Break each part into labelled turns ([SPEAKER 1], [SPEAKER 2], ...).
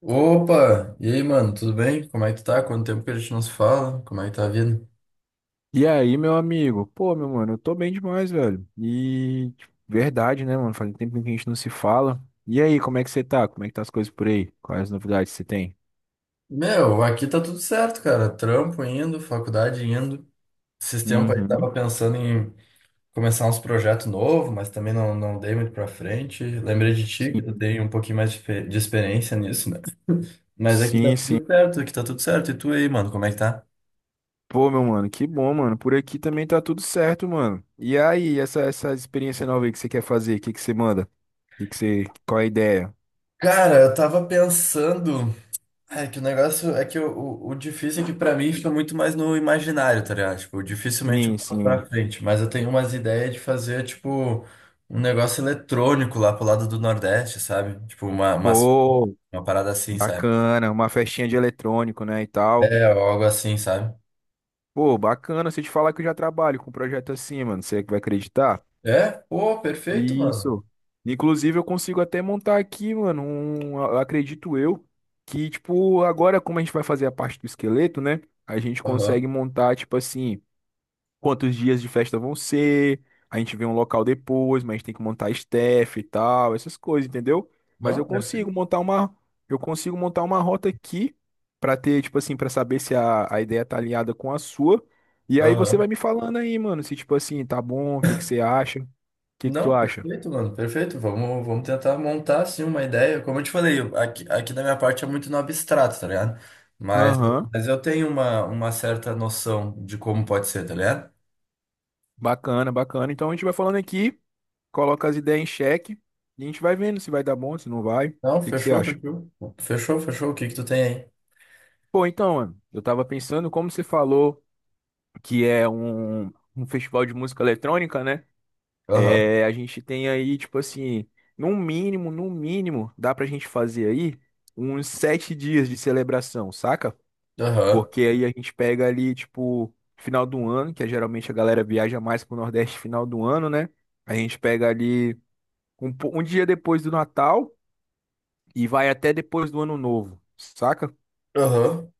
[SPEAKER 1] Opa! E aí, mano, tudo bem? Como é que tu tá? Quanto tempo que a gente não se fala? Como é que tá a vida?
[SPEAKER 2] E aí, meu amigo? Pô, meu mano, eu tô bem demais, velho. E tipo, verdade, né, mano? Faz um tempo que a gente não se fala. E aí, como é que você tá? Como é que tá as coisas por aí? Quais as novidades você tem?
[SPEAKER 1] Meu, aqui tá tudo certo, cara. Trampo indo, faculdade indo. Esses tempos aí
[SPEAKER 2] Uhum.
[SPEAKER 1] tava pensando em começar uns projetos novos, mas também não, não dei muito pra frente. Lembrei de ti, que tu
[SPEAKER 2] Sim,
[SPEAKER 1] tem um pouquinho mais de experiência nisso, né? Mas aqui tá
[SPEAKER 2] sim. Sim.
[SPEAKER 1] tudo certo, aqui tá tudo certo. E tu aí, mano, como é que tá?
[SPEAKER 2] Pô, meu mano, que bom, mano. Por aqui também tá tudo certo, mano. E aí, essa experiência nova aí que você quer fazer, o que que você manda? O que que você, qual é a ideia?
[SPEAKER 1] Cara, eu tava pensando. É que o negócio é que o, o difícil é que pra mim fica muito mais no imaginário, tá ligado? Tipo, dificilmente eu
[SPEAKER 2] Sim,
[SPEAKER 1] boto
[SPEAKER 2] sim.
[SPEAKER 1] pra frente, mas eu tenho umas ideias de fazer, tipo, um negócio eletrônico lá pro lado do Nordeste, sabe? Tipo, uma, uma,
[SPEAKER 2] Pô,
[SPEAKER 1] uma parada assim, sabe?
[SPEAKER 2] bacana, uma festinha de eletrônico, né, e tal.
[SPEAKER 1] É, ou algo assim, sabe?
[SPEAKER 2] Pô, bacana, se eu te falar que eu já trabalho com um projeto assim, mano, você que vai acreditar?
[SPEAKER 1] É? Pô, perfeito, mano.
[SPEAKER 2] Isso. Inclusive, eu consigo até montar aqui, mano, um, eu acredito eu, que, tipo, agora como a gente vai fazer a parte do esqueleto, né? A gente
[SPEAKER 1] Aham.
[SPEAKER 2] consegue montar, tipo assim, quantos dias de festa vão ser, a gente vê um local depois, mas a gente tem que montar staff e tal, essas coisas, entendeu? Mas eu
[SPEAKER 1] Não,
[SPEAKER 2] consigo
[SPEAKER 1] perfeito.
[SPEAKER 2] montar uma, eu consigo montar uma rota aqui pra ter, tipo assim, pra saber se a ideia tá alinhada com a sua. E aí você
[SPEAKER 1] Aham.
[SPEAKER 2] vai me falando aí, mano, se tipo assim, tá bom, o que que você acha? O que que tu
[SPEAKER 1] Não,
[SPEAKER 2] acha?
[SPEAKER 1] perfeito, mano, perfeito. Vamos tentar montar assim uma ideia. Como eu te falei, aqui da minha parte é muito no abstrato, tá ligado? Mas,
[SPEAKER 2] Aham,
[SPEAKER 1] mas eu tenho uma certa noção de como pode ser, tá ligado?
[SPEAKER 2] bacana, bacana. Então a gente vai falando aqui, coloca as ideias em xeque e a gente vai vendo se vai dar bom, se não vai. O
[SPEAKER 1] Não,
[SPEAKER 2] que que você
[SPEAKER 1] fechou,
[SPEAKER 2] acha?
[SPEAKER 1] fechou. Fechou, fechou. O que que tu tem aí?
[SPEAKER 2] Pô, então, mano, eu tava pensando, como você falou que é um festival de música eletrônica, né?
[SPEAKER 1] Aham,
[SPEAKER 2] É, a gente tem aí, tipo assim, no mínimo, no mínimo, dá pra gente fazer aí uns sete dias de celebração, saca?
[SPEAKER 1] aham,
[SPEAKER 2] Porque aí a gente pega ali, tipo, final do ano, que é geralmente a galera viaja mais pro Nordeste final do ano, né? A gente pega ali um dia depois do Natal e vai até depois do Ano Novo, saca?
[SPEAKER 1] aham.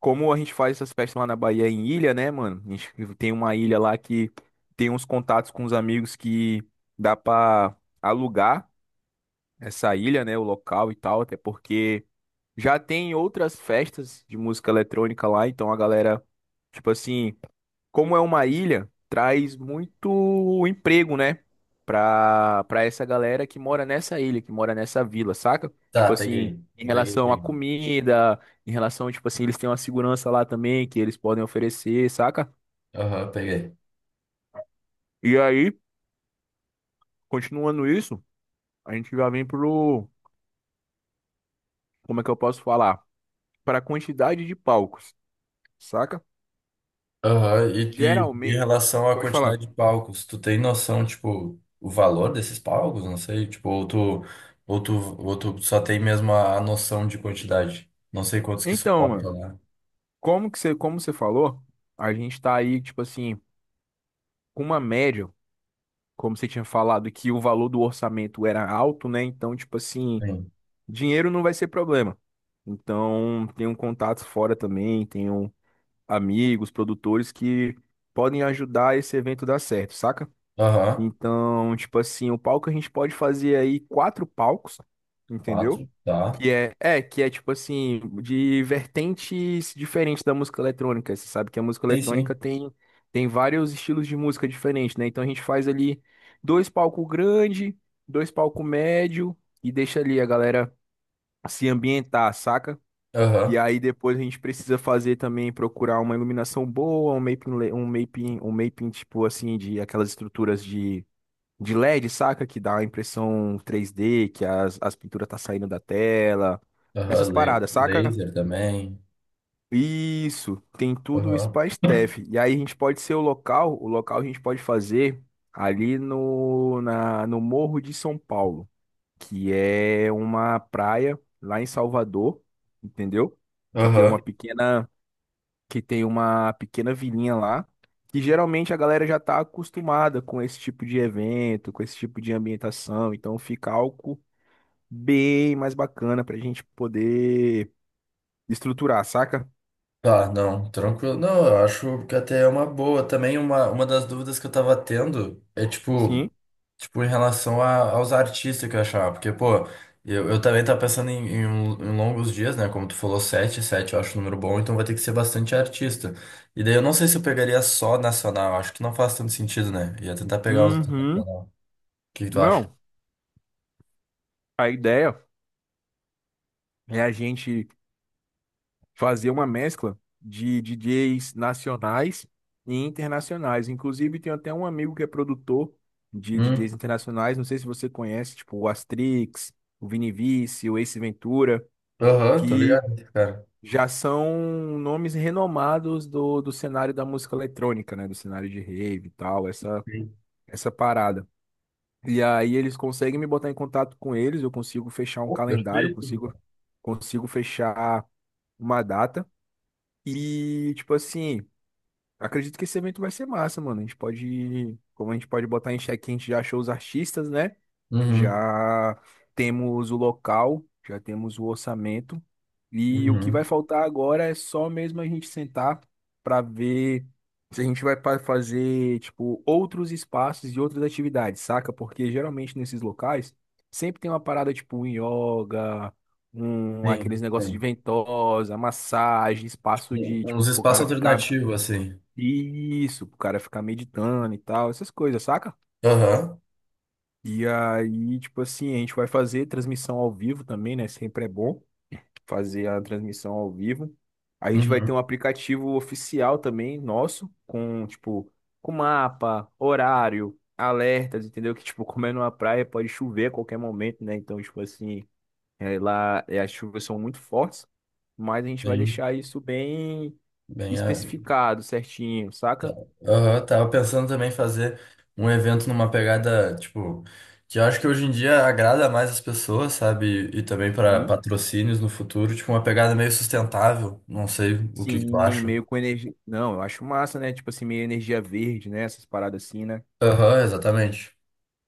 [SPEAKER 2] Como a gente faz essas festas lá na Bahia em ilha, né, mano? A gente tem uma ilha lá que tem uns contatos com os amigos que dá pra alugar essa ilha, né, o local e tal, até porque já tem outras festas de música eletrônica lá, então a galera, tipo assim, como é uma ilha, traz muito emprego, né? Pra essa galera que mora nessa ilha, que mora nessa vila, saca? Tipo
[SPEAKER 1] Tá,
[SPEAKER 2] assim,
[SPEAKER 1] peguei.
[SPEAKER 2] em
[SPEAKER 1] Peguei,
[SPEAKER 2] relação à
[SPEAKER 1] peguei.
[SPEAKER 2] comida, em relação, tipo assim, eles têm uma segurança lá também que eles podem oferecer, saca?
[SPEAKER 1] Aham, peguei.
[SPEAKER 2] E aí, continuando isso, a gente já vem pro, como é que eu posso falar? Pra quantidade de palcos, saca?
[SPEAKER 1] Aham. E em
[SPEAKER 2] Geralmente,
[SPEAKER 1] relação à
[SPEAKER 2] pode falar.
[SPEAKER 1] quantidade de palcos, tu tem noção, tipo, o valor desses palcos? Não sei, tipo, ou tu, ou tu só tem mesmo a noção de quantidade? Não sei quantos que
[SPEAKER 2] Então,
[SPEAKER 1] suportam
[SPEAKER 2] mano,
[SPEAKER 1] lá.
[SPEAKER 2] como que você, como você falou, a gente tá aí, tipo assim, com uma média. Como você tinha falado que o valor do orçamento era alto, né? Então, tipo assim,
[SPEAKER 1] Tem.
[SPEAKER 2] dinheiro não vai ser problema. Então, tenho contatos fora também, tenho amigos, produtores que podem ajudar esse evento dar certo, saca?
[SPEAKER 1] Aham.
[SPEAKER 2] Então, tipo assim, o palco a gente pode fazer aí quatro palcos, entendeu?
[SPEAKER 1] Quatro, tá.
[SPEAKER 2] Que é, que é tipo assim, de vertentes diferentes da música eletrônica. Você sabe que a música
[SPEAKER 1] Sim,
[SPEAKER 2] eletrônica
[SPEAKER 1] sim.
[SPEAKER 2] tem vários estilos de música diferentes, né? Então a gente faz ali dois palcos grande, dois palcos médio e deixa ali a galera se ambientar, saca? E
[SPEAKER 1] Aham.
[SPEAKER 2] aí depois a gente precisa fazer também, procurar uma iluminação boa, um mapping, le- um mapping tipo assim, de aquelas estruturas de LED, saca? Que dá a impressão 3D, que as pinturas tá saindo da tela. Essas
[SPEAKER 1] Aham,
[SPEAKER 2] paradas, saca?
[SPEAKER 1] Laser também.
[SPEAKER 2] Isso, tem tudo isso
[SPEAKER 1] Aham.
[SPEAKER 2] pra Steph. E aí a gente pode ser o local a gente pode fazer ali no Morro de São Paulo, que é uma praia lá em Salvador, entendeu? Que tem
[SPEAKER 1] Aham.
[SPEAKER 2] uma pequena, vilinha lá, que geralmente a galera já tá acostumada com esse tipo de evento, com esse tipo de ambientação, então fica algo bem mais bacana pra gente poder estruturar, saca?
[SPEAKER 1] Tá, não, tranquilo. Não, eu acho que até é uma boa. Também uma das dúvidas que eu tava tendo é tipo.
[SPEAKER 2] Sim.
[SPEAKER 1] Tipo, em relação aos artistas que eu achava, porque, pô, eu também tava pensando em longos dias, né? Como tu falou, sete eu acho um número bom, então vai ter que ser bastante artista. E daí eu não sei se eu pegaria só nacional, acho que não faz tanto sentido, né? Ia tentar pegar os
[SPEAKER 2] Uhum.
[SPEAKER 1] internacional. O que que tu acha?
[SPEAKER 2] Não, a ideia é a gente fazer uma mescla de DJs nacionais e internacionais. Inclusive, tem até um amigo que é produtor de
[SPEAKER 1] Hum,
[SPEAKER 2] DJs internacionais, não sei se você conhece, tipo o Astrix, o Vini Vici, o Ace Ventura,
[SPEAKER 1] aham, tô
[SPEAKER 2] que
[SPEAKER 1] ligado, cara.
[SPEAKER 2] já são nomes renomados do cenário da música eletrônica, né? Do cenário de rave e tal, essa,
[SPEAKER 1] Sim.
[SPEAKER 2] essa parada. E aí eles conseguem me botar em contato com eles, eu consigo fechar um
[SPEAKER 1] Pô,
[SPEAKER 2] calendário,
[SPEAKER 1] perfeito.
[SPEAKER 2] consigo fechar uma data e, tipo assim, acredito que esse evento vai ser massa, mano. A gente pode, como a gente pode botar em xeque, a gente já achou os artistas, né?
[SPEAKER 1] Uhum,
[SPEAKER 2] Já temos o local, já temos o orçamento. E o que vai
[SPEAKER 1] uhum.
[SPEAKER 2] faltar agora é só mesmo a gente sentar para ver se a gente vai fazer, tipo, outros espaços e outras atividades, saca? Porque geralmente nesses locais sempre tem uma parada tipo um yoga, um aqueles
[SPEAKER 1] Sim,
[SPEAKER 2] negócios de
[SPEAKER 1] sim.
[SPEAKER 2] ventosa, massagem, espaço de, tipo,
[SPEAKER 1] Uns
[SPEAKER 2] pro
[SPEAKER 1] espaços
[SPEAKER 2] cara ficar,
[SPEAKER 1] alternativos, assim.
[SPEAKER 2] isso, pro cara ficar meditando e tal, essas coisas, saca?
[SPEAKER 1] Aham,
[SPEAKER 2] E aí, tipo assim, a gente vai fazer transmissão ao vivo também, né? Sempre é bom fazer a transmissão ao vivo. A gente vai ter
[SPEAKER 1] uhum,
[SPEAKER 2] um aplicativo oficial também nosso, com, tipo, com mapa, horário, alertas, entendeu? Que, tipo, como é numa praia, pode chover a qualquer momento, né? Então, tipo assim, é, lá é, as chuvas são muito fortes, mas a gente vai
[SPEAKER 1] sim.
[SPEAKER 2] deixar isso bem
[SPEAKER 1] Bem.
[SPEAKER 2] especificado, certinho, saca?
[SPEAKER 1] Aham, tava pensando também em fazer um evento numa pegada, tipo, que eu acho que hoje em dia agrada mais as pessoas, sabe? E também para patrocínios no futuro, tipo, uma pegada meio sustentável. Não sei o que que tu
[SPEAKER 2] Sim,
[SPEAKER 1] acha.
[SPEAKER 2] meio com energia. Não, eu acho massa, né? Tipo assim, meio energia verde, né? Essas paradas assim, né?
[SPEAKER 1] Aham, exatamente.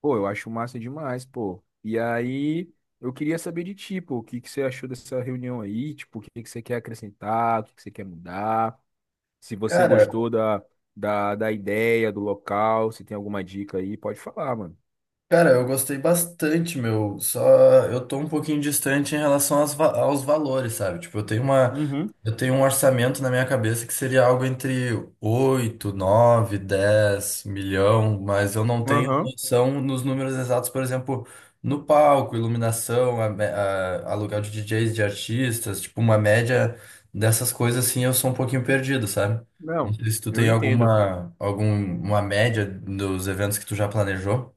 [SPEAKER 2] Pô, eu acho massa demais, pô. E aí, eu queria saber de ti, pô, o que que você achou dessa reunião aí? Tipo, o que que você quer acrescentar? O que que você quer mudar? Se você
[SPEAKER 1] Cara,
[SPEAKER 2] gostou da ideia, do local, se tem alguma dica aí, pode falar, mano.
[SPEAKER 1] Cara, eu gostei bastante, meu. Só eu tô um pouquinho distante em relação aos valores, sabe? Tipo, eu tenho uma,
[SPEAKER 2] Uhum,
[SPEAKER 1] eu tenho um orçamento na minha cabeça que seria algo entre 8, 9, 10 milhão, mas eu não tenho
[SPEAKER 2] aham.
[SPEAKER 1] noção nos números exatos, por exemplo, no palco, iluminação, aluguel de DJs, de artistas, tipo, uma média dessas coisas assim, eu sou um pouquinho perdido, sabe? Não
[SPEAKER 2] Não,
[SPEAKER 1] sei se tu
[SPEAKER 2] eu
[SPEAKER 1] tem
[SPEAKER 2] entendo.
[SPEAKER 1] alguma média dos eventos que tu já planejou.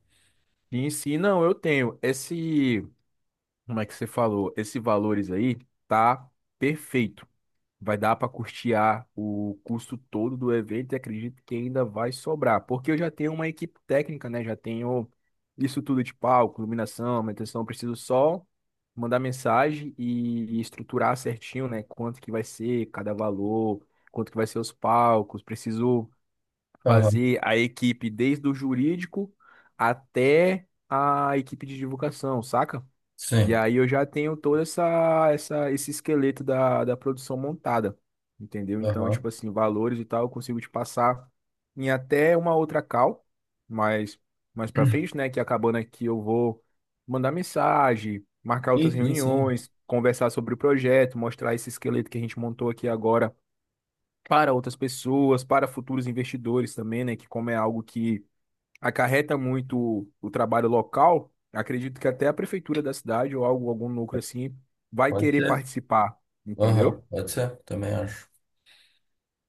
[SPEAKER 2] Sim, sim. Não, eu tenho. Esse, como é que você falou? Esse valores aí tá perfeito. Vai dar para custear o custo todo do evento e acredito que ainda vai sobrar, porque eu já tenho uma equipe técnica, né? Já tenho isso tudo de palco, iluminação, manutenção. Eu preciso só mandar mensagem e estruturar certinho, né? Quanto que vai ser cada valor, quanto que vai ser os palcos. Preciso fazer a equipe desde o jurídico até a equipe de divulgação, saca? E
[SPEAKER 1] Sim.
[SPEAKER 2] aí eu já tenho todo esse esqueleto da produção montada, entendeu? Então,
[SPEAKER 1] Aham.
[SPEAKER 2] tipo assim, valores e tal, eu consigo te passar em até uma outra call, mas mais para frente, né, que acabando aqui eu vou mandar mensagem, marcar outras
[SPEAKER 1] Sim, sim, sim.
[SPEAKER 2] reuniões, conversar sobre o projeto, mostrar esse esqueleto que a gente montou aqui agora para outras pessoas, para futuros investidores também, né, que como é algo que acarreta muito o trabalho local, acredito que até a prefeitura da cidade ou algo, algum núcleo assim vai
[SPEAKER 1] Pode
[SPEAKER 2] querer
[SPEAKER 1] ser.
[SPEAKER 2] participar, entendeu?
[SPEAKER 1] Aham, pode ser. Também acho.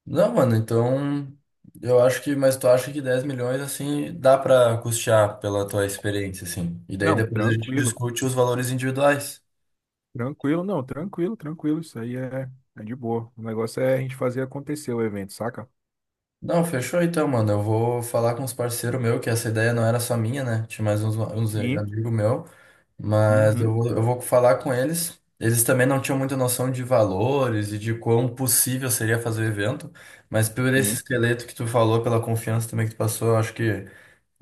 [SPEAKER 1] Não, mano, então. Eu acho que. Mas tu acha que 10 milhões, assim, dá pra custear pela tua experiência, assim. E daí
[SPEAKER 2] Não,
[SPEAKER 1] depois a gente
[SPEAKER 2] tranquilo,
[SPEAKER 1] discute os valores individuais.
[SPEAKER 2] tranquilo, não, tranquilo, tranquilo, isso aí é de boa. O negócio é a gente fazer acontecer o evento, saca?
[SPEAKER 1] Não, fechou então, mano. Eu vou falar com os parceiros meus, que essa ideia não era só minha, né? Tinha mais uns
[SPEAKER 2] Sim,
[SPEAKER 1] amigos meus. Mas eu,
[SPEAKER 2] uhum,
[SPEAKER 1] vou- eu vou falar com eles. Eles também não tinham muita noção de valores e de quão possível seria fazer o evento, mas por esse
[SPEAKER 2] sim,
[SPEAKER 1] esqueleto que tu falou, pela confiança também que tu passou, eu acho que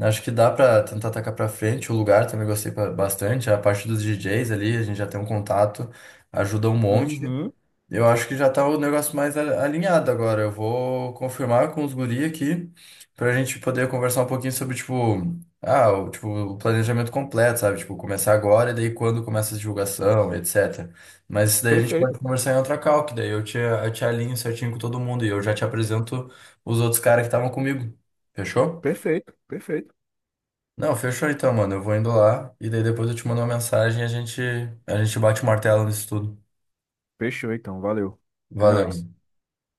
[SPEAKER 1] acho que dá pra tentar atacar pra frente. O lugar também gostei bastante, a parte dos DJs ali, a gente já tem um contato, ajuda um monte.
[SPEAKER 2] uhum,
[SPEAKER 1] Eu acho que já tá o negócio mais alinhado agora. Eu vou confirmar com os guri aqui pra gente poder conversar um pouquinho sobre, tipo, o planejamento completo, sabe? Tipo, começar agora e daí quando começa a divulgação, etc. Mas isso daí a gente pode
[SPEAKER 2] perfeito,
[SPEAKER 1] conversar em outra call, que daí eu te alinho certinho com todo mundo e eu já te apresento os outros caras que estavam comigo. Fechou?
[SPEAKER 2] perfeito, perfeito.
[SPEAKER 1] Não, fechou então, mano. Eu vou indo lá e daí depois eu te mando uma mensagem e a gente, bate o martelo nisso tudo.
[SPEAKER 2] Fechou então, valeu. É
[SPEAKER 1] Valeu.
[SPEAKER 2] nóis.